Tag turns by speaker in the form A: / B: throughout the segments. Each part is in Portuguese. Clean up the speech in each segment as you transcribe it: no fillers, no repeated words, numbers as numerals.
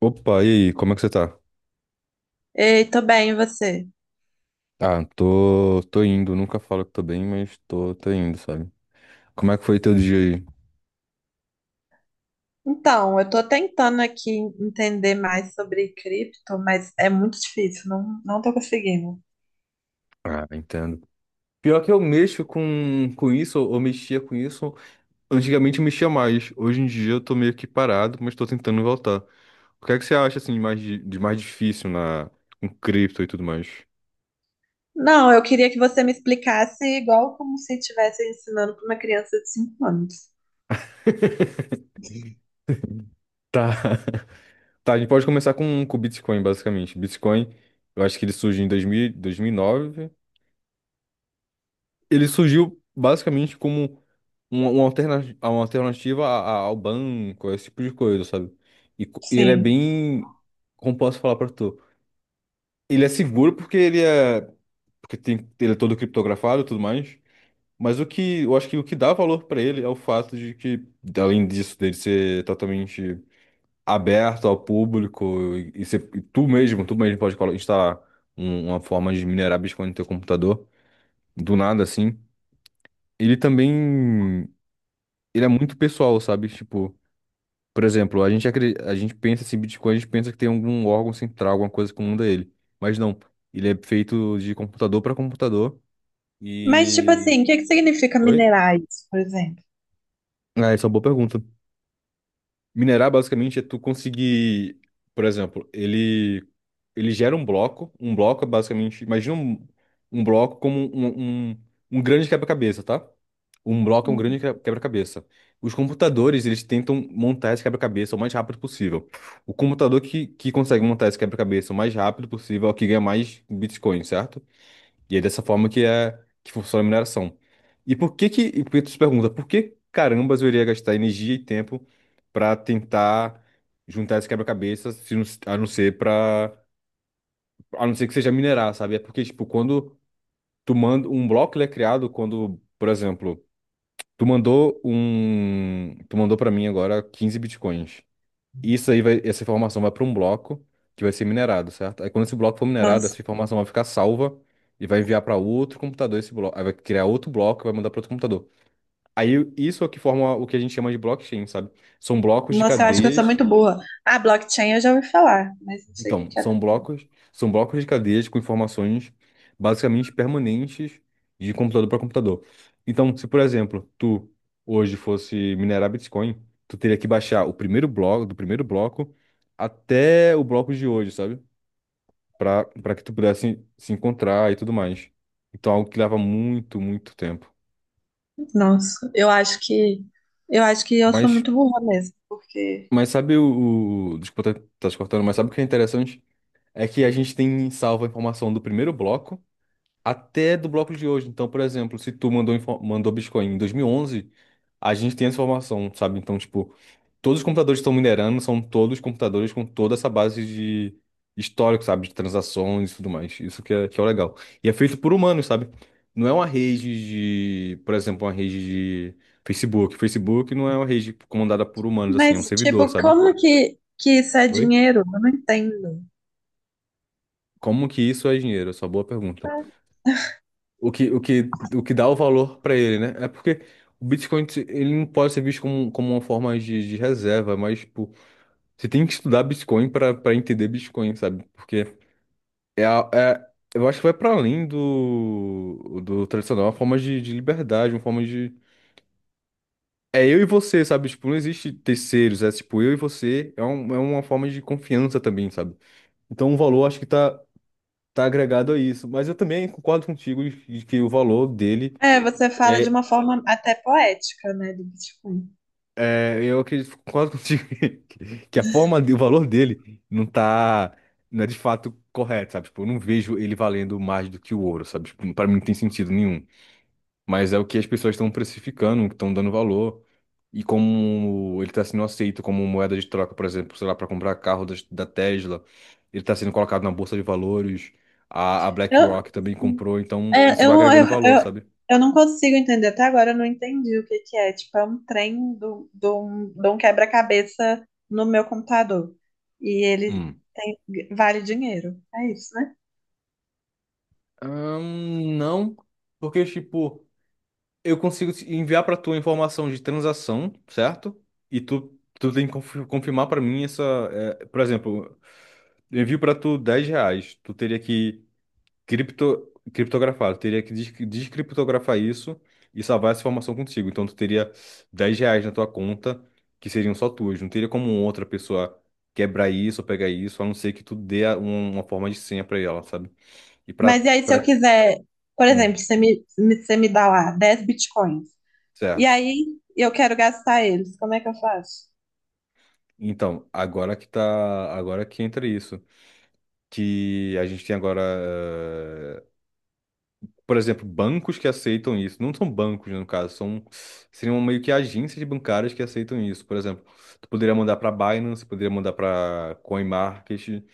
A: Opa, e aí, como é que você tá?
B: Ei, tô bem, e você?
A: Ah, tô indo, nunca falo que tô bem, mas tô indo, sabe? Como é que foi teu dia aí?
B: Então, eu tô tentando aqui entender mais sobre cripto, mas é muito difícil, não tô conseguindo.
A: Ah, entendo. Pior que eu mexo com isso, ou mexia com isso, antigamente eu mexia mais, hoje em dia eu tô meio que parado, mas tô tentando voltar. O que é que você acha, assim, de mais difícil com cripto e tudo mais?
B: Não, eu queria que você me explicasse igual como se estivesse ensinando para uma criança de 5 anos.
A: Tá. Tá, a gente pode começar com o Bitcoin, basicamente. Bitcoin, eu acho que ele surgiu em 2009. Ele surgiu basicamente como uma alternativa ao banco, esse tipo de coisa, sabe? E ele é
B: Sim.
A: bem, como posso falar pra tu? Ele é seguro porque ele é, porque tem, ele é todo criptografado e tudo mais. Mas o que eu acho que o que dá valor pra ele é o fato de que, além disso, dele ser totalmente aberto ao público e ser, e tu mesmo pode instalar uma forma de minerar Bitcoin no teu computador, do nada assim. Ele também, ele é muito pessoal, sabe? Tipo, por exemplo, a gente pensa assim, Bitcoin, a gente pensa que tem algum órgão central, alguma coisa que comanda ele. Mas não, ele é feito de computador para computador
B: Mas, tipo
A: e...
B: assim, o que que significa
A: Oi?
B: minerar isso, por exemplo?
A: Ah, essa é uma boa pergunta. Minerar basicamente é tu conseguir, por exemplo, ele gera um bloco. Um bloco é basicamente, imagina um bloco como um grande quebra-cabeça, tá? Um bloco é um
B: Uhum.
A: grande quebra-cabeça. Os computadores, eles tentam montar esse quebra-cabeça o mais rápido possível. O computador que consegue montar esse quebra-cabeça o mais rápido possível é o que ganha mais bitcoins, certo? E é dessa forma que é que funciona a mineração. E por que por que tu se pergunta, por que carambas eu iria gastar energia e tempo para tentar juntar esse quebra-cabeça, se não- a não ser para a não ser que seja minerar, sabe? É porque tipo, quando tu manda um bloco, ele é criado quando, por exemplo, tu mandou para mim agora 15 bitcoins. Essa informação vai para um bloco que vai ser minerado, certo? Aí quando esse bloco for minerado,
B: Nossa,
A: essa informação vai ficar salva e vai enviar para outro computador esse bloco. Aí vai criar outro bloco e vai mandar para outro computador. Aí isso é o que forma o que a gente chama de blockchain, sabe? São blocos de
B: nossa, eu acho que eu sou
A: cadeias
B: muito burra. Ah, blockchain eu já ouvi falar, mas não sei o que
A: então,
B: que é.
A: são blocos, são blocos de cadeias com informações basicamente permanentes de computador para computador. Então, se por exemplo, tu hoje fosse minerar Bitcoin, tu teria que baixar do primeiro bloco até o bloco de hoje, sabe? Para que tu pudesse se encontrar e tudo mais. Então, algo que leva muito, muito tempo.
B: Nossa, eu acho que eu sou
A: Mas
B: muito burra mesmo, porque...
A: mas, sabe, o desculpa, tá te cortando, mas sabe o que é interessante? É que a gente tem salva a informação do primeiro bloco até do bloco de hoje. Então, por exemplo, se tu mandou, mandou Bitcoin em 2011, a gente tem essa informação, sabe? Então, tipo, todos os computadores que estão minerando são todos computadores com toda essa base de histórico, sabe? De transações e tudo mais. Isso que é o legal. E é feito por humanos, sabe? Não é uma rede de, por exemplo, uma rede de Facebook. Facebook não é uma rede comandada por humanos, assim, é um
B: Mas,
A: servidor,
B: tipo,
A: sabe?
B: como que isso é
A: Oi?
B: dinheiro? Eu não entendo.
A: Como que isso é dinheiro? Essa é uma boa pergunta. O que dá o valor para ele, né? É porque o Bitcoin, ele não pode ser visto como uma forma de reserva, mas, tipo, você tem que estudar Bitcoin para entender Bitcoin, sabe? Porque é, a- é, eu acho que vai para além do tradicional, é uma forma de liberdade, uma forma de. É eu e você, sabe? Tipo, não existe terceiros, é tipo, eu e você, é uma forma de confiança também, sabe? Então o valor acho que tá agregado a isso. Mas eu também concordo contigo de que o valor dele.
B: É, você fala de
A: é
B: uma forma até poética, né, do Bitcoin.
A: É, eu acredito, concordo contigo que a forma, o valor dele não é de fato correto, sabe? Tipo, eu não vejo ele valendo mais do que o ouro, sabe? Tipo, para mim não tem sentido nenhum. Mas é o que as pessoas estão precificando, estão dando valor. E como ele tá sendo aceito como moeda de troca, por exemplo, sei lá, para comprar carro da Tesla, ele tá sendo colocado na bolsa de valores, a
B: Eu,
A: BlackRock também comprou, então
B: é,
A: isso vai agregando valor,
B: eu,
A: sabe?
B: eu não consigo entender, até agora eu não entendi o que que é. Tipo, é um trem de um quebra-cabeça no meu computador. E ele
A: Hum.
B: vale dinheiro. É isso, né?
A: Não, porque, tipo. Eu consigo te enviar para tu a informação de transação, certo? E tu tem que confirmar para mim essa. É, por exemplo, eu envio para tu 10 reais. Tu teria que criptografar, tu teria que descriptografar isso e salvar essa informação contigo. Então tu teria 10 reais na tua conta, que seriam só tuas. Não teria como outra pessoa quebrar isso ou pegar isso, a não ser que tu dê uma forma de senha para ela, sabe? E para.
B: Mas e aí, se
A: Pra...
B: eu
A: pra-
B: quiser, por
A: hum,
B: exemplo, você me dá lá 10 bitcoins. E
A: certo.
B: aí eu quero gastar eles, como é que eu faço?
A: Então, agora que entra isso, que a gente tem agora, por exemplo, bancos que aceitam isso. Não são bancos, no caso, são seriam meio que agências bancárias que aceitam isso. Por exemplo, tu poderia mandar para Binance, poderia mandar para CoinMarket,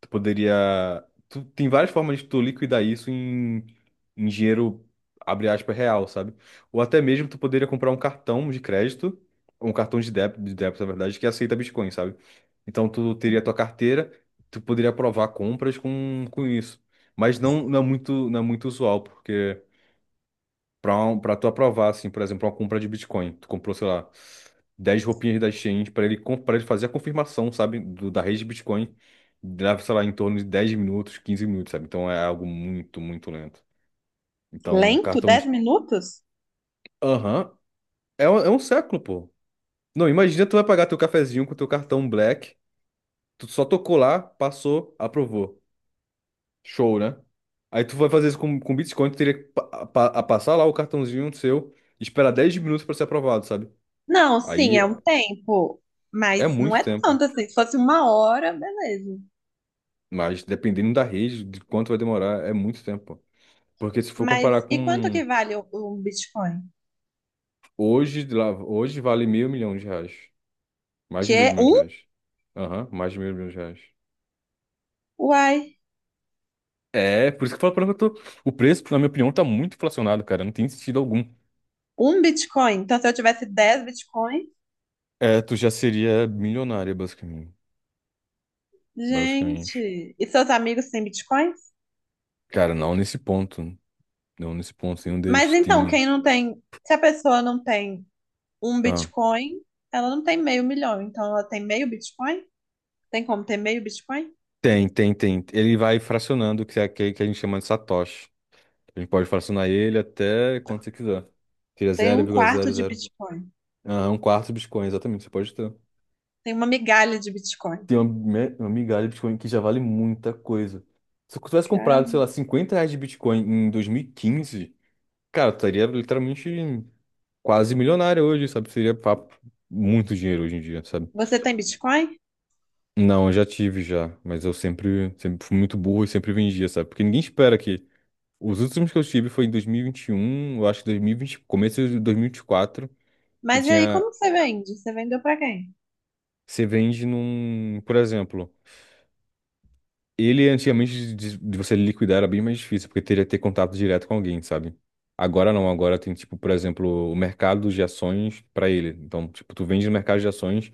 A: tu poderia. Tu, tem várias formas de tu liquidar isso em dinheiro, abre aspas, real, sabe? Ou até mesmo tu poderia comprar um cartão de crédito, ou um cartão de débito, na verdade, que aceita Bitcoin, sabe? Então tu teria tua carteira, tu poderia aprovar compras com isso. Mas não, não é muito usual, porque para tu aprovar, assim, por exemplo, uma compra de Bitcoin. Tu comprou, sei lá, 10 roupinhas da exchange para ele fazer a confirmação, sabe, da rede de Bitcoin. Leva, sei lá, em torno de 10 minutos, 15 minutos, sabe? Então é algo muito, muito lento. Então, um
B: Lento?
A: cartão
B: dez
A: de.
B: minutos?
A: Aham. É, é um século, pô. Não, imagina tu vai pagar teu cafezinho com teu cartão Black. Tu só tocou lá, passou, aprovou. Show, né? Aí tu vai fazer isso com Bitcoin, tu teria que pa- pa- a passar lá o cartãozinho seu, esperar 10 minutos para ser aprovado, sabe?
B: Não, sim,
A: Aí
B: é um tempo,
A: é
B: mas não
A: muito
B: é
A: tempo,
B: tanto assim. Se fosse uma hora, beleza.
A: mas dependendo da rede, de quanto vai demorar, é muito tempo. Porque se for comparar
B: Mas e quanto
A: com
B: que vale um Bitcoin?
A: hoje, de lá, hoje vale meio milhão de reais. Mais
B: Que
A: de meio
B: é
A: milhão de
B: um?
A: reais. Aham, mais de meio milhão de reais.
B: Uai,
A: É, por isso que eu falo pra mim que eu tô. O preço, na minha opinião, tá muito inflacionado, cara. Não tem sentido algum.
B: um Bitcoin. Então, se eu tivesse 10 Bitcoins,
A: É, tu já seria milionária, basicamente. Basicamente.
B: gente, e seus amigos têm Bitcoins?
A: Cara, não nesse ponto. Não nesse ponto. Nenhum
B: Mas
A: deles
B: então,
A: tem.
B: quem não tem, se a pessoa não tem um
A: Ah,
B: Bitcoin, ela não tem meio milhão. Então, ela tem meio Bitcoin? Tem como ter meio Bitcoin?
A: tem, tem, tem. Ele vai fracionando, que é aquele que a gente chama de satoshi. A gente pode fracionar ele até quanto você quiser. Seria
B: Tem
A: zero
B: um
A: vírgula
B: quarto
A: zero
B: de
A: zero.
B: Bitcoin.
A: Ah, um quarto de Bitcoin, exatamente, você pode ter.
B: Tem uma migalha de Bitcoin.
A: Tem uma migalha de Bitcoin que já vale muita coisa. Se eu tivesse comprado, sei lá, 50 reais de Bitcoin em 2015, cara, eu estaria literalmente quase milionário hoje, sabe? Seria papo, muito dinheiro hoje em dia, sabe?
B: Você tem Bitcoin?
A: Não, eu já tive já, mas eu sempre, sempre fui muito burro e sempre vendia, sabe? Porque ninguém espera que. Os últimos que eu tive foi em dois mil e vinte e um, eu acho que 2020, começo de 2024. Eu
B: Mas e aí,
A: tinha.
B: como que você vende? Você vendeu pra quem?
A: Você vende num, por exemplo, ele antigamente de você liquidar era bem mais difícil, porque teria que ter contato direto com alguém, sabe? Agora não, agora tem tipo, por exemplo, o mercado de ações para ele. Então, tipo, tu vende no mercado de ações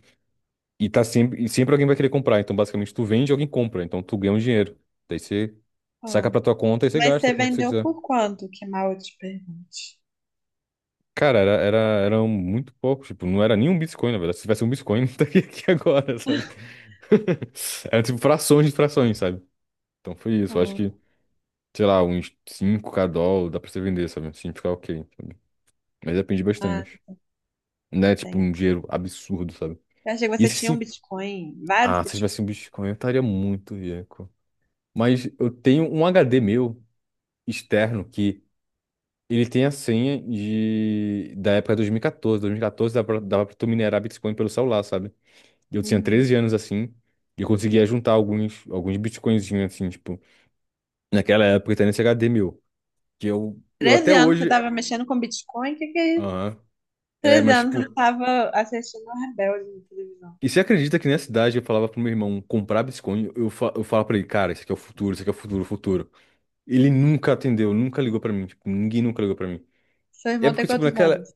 A: e sempre alguém vai querer comprar. Então, basicamente, tu vende e alguém compra. Então, tu ganha um dinheiro. Daí você saca
B: Ah,
A: pra tua conta e você
B: mas
A: gasta
B: você
A: com o que você
B: vendeu
A: quiser.
B: por quanto? Que mal eu te pergunte.
A: Cara, era muito pouco. Tipo, não era nem um Bitcoin, na verdade. Se tivesse um Bitcoin, não estaria aqui agora, sabe? Era tipo frações de frações, sabe? Então foi isso. Eu acho que
B: Ah,
A: sei lá, uns 5K dólar, dá pra você vender, sabe? Assim, ficar ok, sabe? Mas depende
B: ah,
A: bastante. Não é tipo
B: tem.
A: um dinheiro absurdo, sabe?
B: Eu achei que
A: E
B: você
A: esse
B: tinha um
A: sim.
B: Bitcoin, vários
A: Ah, se eu tivesse
B: Bitcoins.
A: um Bitcoin, eu estaria muito rico. Mas eu tenho um HD meu externo que ele tem a senha da época de 2014. 2014 dava pra tu minerar Bitcoin pelo celular, sabe? E eu tinha
B: Uhum.
A: 13 anos assim. E eu conseguia juntar alguns Bitcoinzinhos assim, tipo, naquela época, tá nesse HD meu. Que eu até
B: 13 anos você
A: hoje.
B: estava mexendo com Bitcoin? O que que é isso?
A: Aham. É,
B: 13
A: mas
B: anos você
A: tipo.
B: estava assistindo a Rebelde na televisão.
A: E você acredita que nessa idade eu falava pro meu irmão comprar Bitcoin? Eu falava pra ele, cara, isso aqui é o futuro, isso aqui é o futuro, o futuro. Ele nunca atendeu, nunca ligou pra mim. Tipo, ninguém nunca ligou pra mim.
B: Seu
A: É
B: irmão tem
A: porque, tipo,
B: quantos
A: naquela.
B: anos?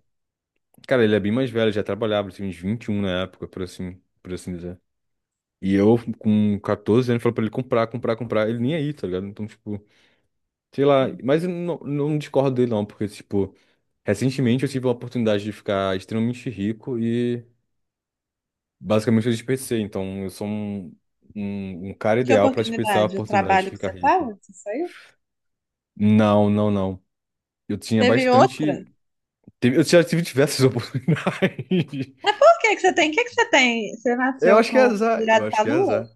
A: Cara, ele é bem mais velho, já trabalhava, ele tinha uns 21 na época, por assim dizer. E eu, com 14 anos, falei pra ele comprar, comprar, comprar. Ele nem aí, tá ligado? Então, tipo, sei lá. Mas eu não discordo dele, não, porque, tipo, recentemente eu tive a oportunidade de ficar extremamente rico. Basicamente, eu desperdicei, então eu sou um cara
B: Que
A: ideal para desperdiçar a
B: oportunidade? O
A: oportunidade de
B: trabalho que
A: ficar
B: você
A: rico.
B: estava? Você saiu?
A: Não, não, não. Eu tinha
B: Teve outra?
A: bastante. Eu já tive diversas oportunidades.
B: Mas por que que você tem? O que que você tem? Você
A: Eu
B: nasceu
A: acho que é
B: com
A: azar. Eu
B: virado
A: acho
B: pra
A: que é
B: lua?
A: azar.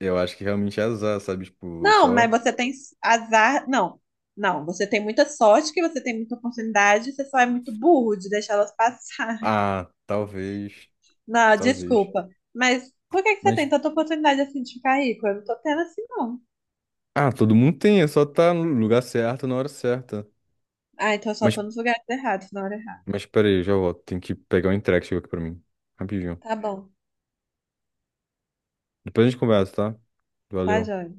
A: Eu acho que realmente é azar, sabe? Tipo, eu
B: Não, mas
A: só.
B: você tem azar. Não, não. Você tem muita sorte, que você tem muita oportunidade, você só é muito burro de deixar elas passarem.
A: Ah, talvez.
B: Não,
A: Talvez.
B: desculpa. Mas por que que você
A: Mas.
B: tem tanta oportunidade assim de ficar rico? Eu não tô tendo assim, não.
A: Ah, todo mundo tem, é só tá no lugar certo, na hora certa.
B: Ah, então eu só
A: Mas,
B: tô nos lugares errados, na hora errada.
A: mas, peraí, eu já volto. Tem que pegar o entregue que chegou aqui pra mim. Rapidinho.
B: Tá bom,
A: Depois a gente conversa, tá?
B: tá,
A: Valeu.
B: joia.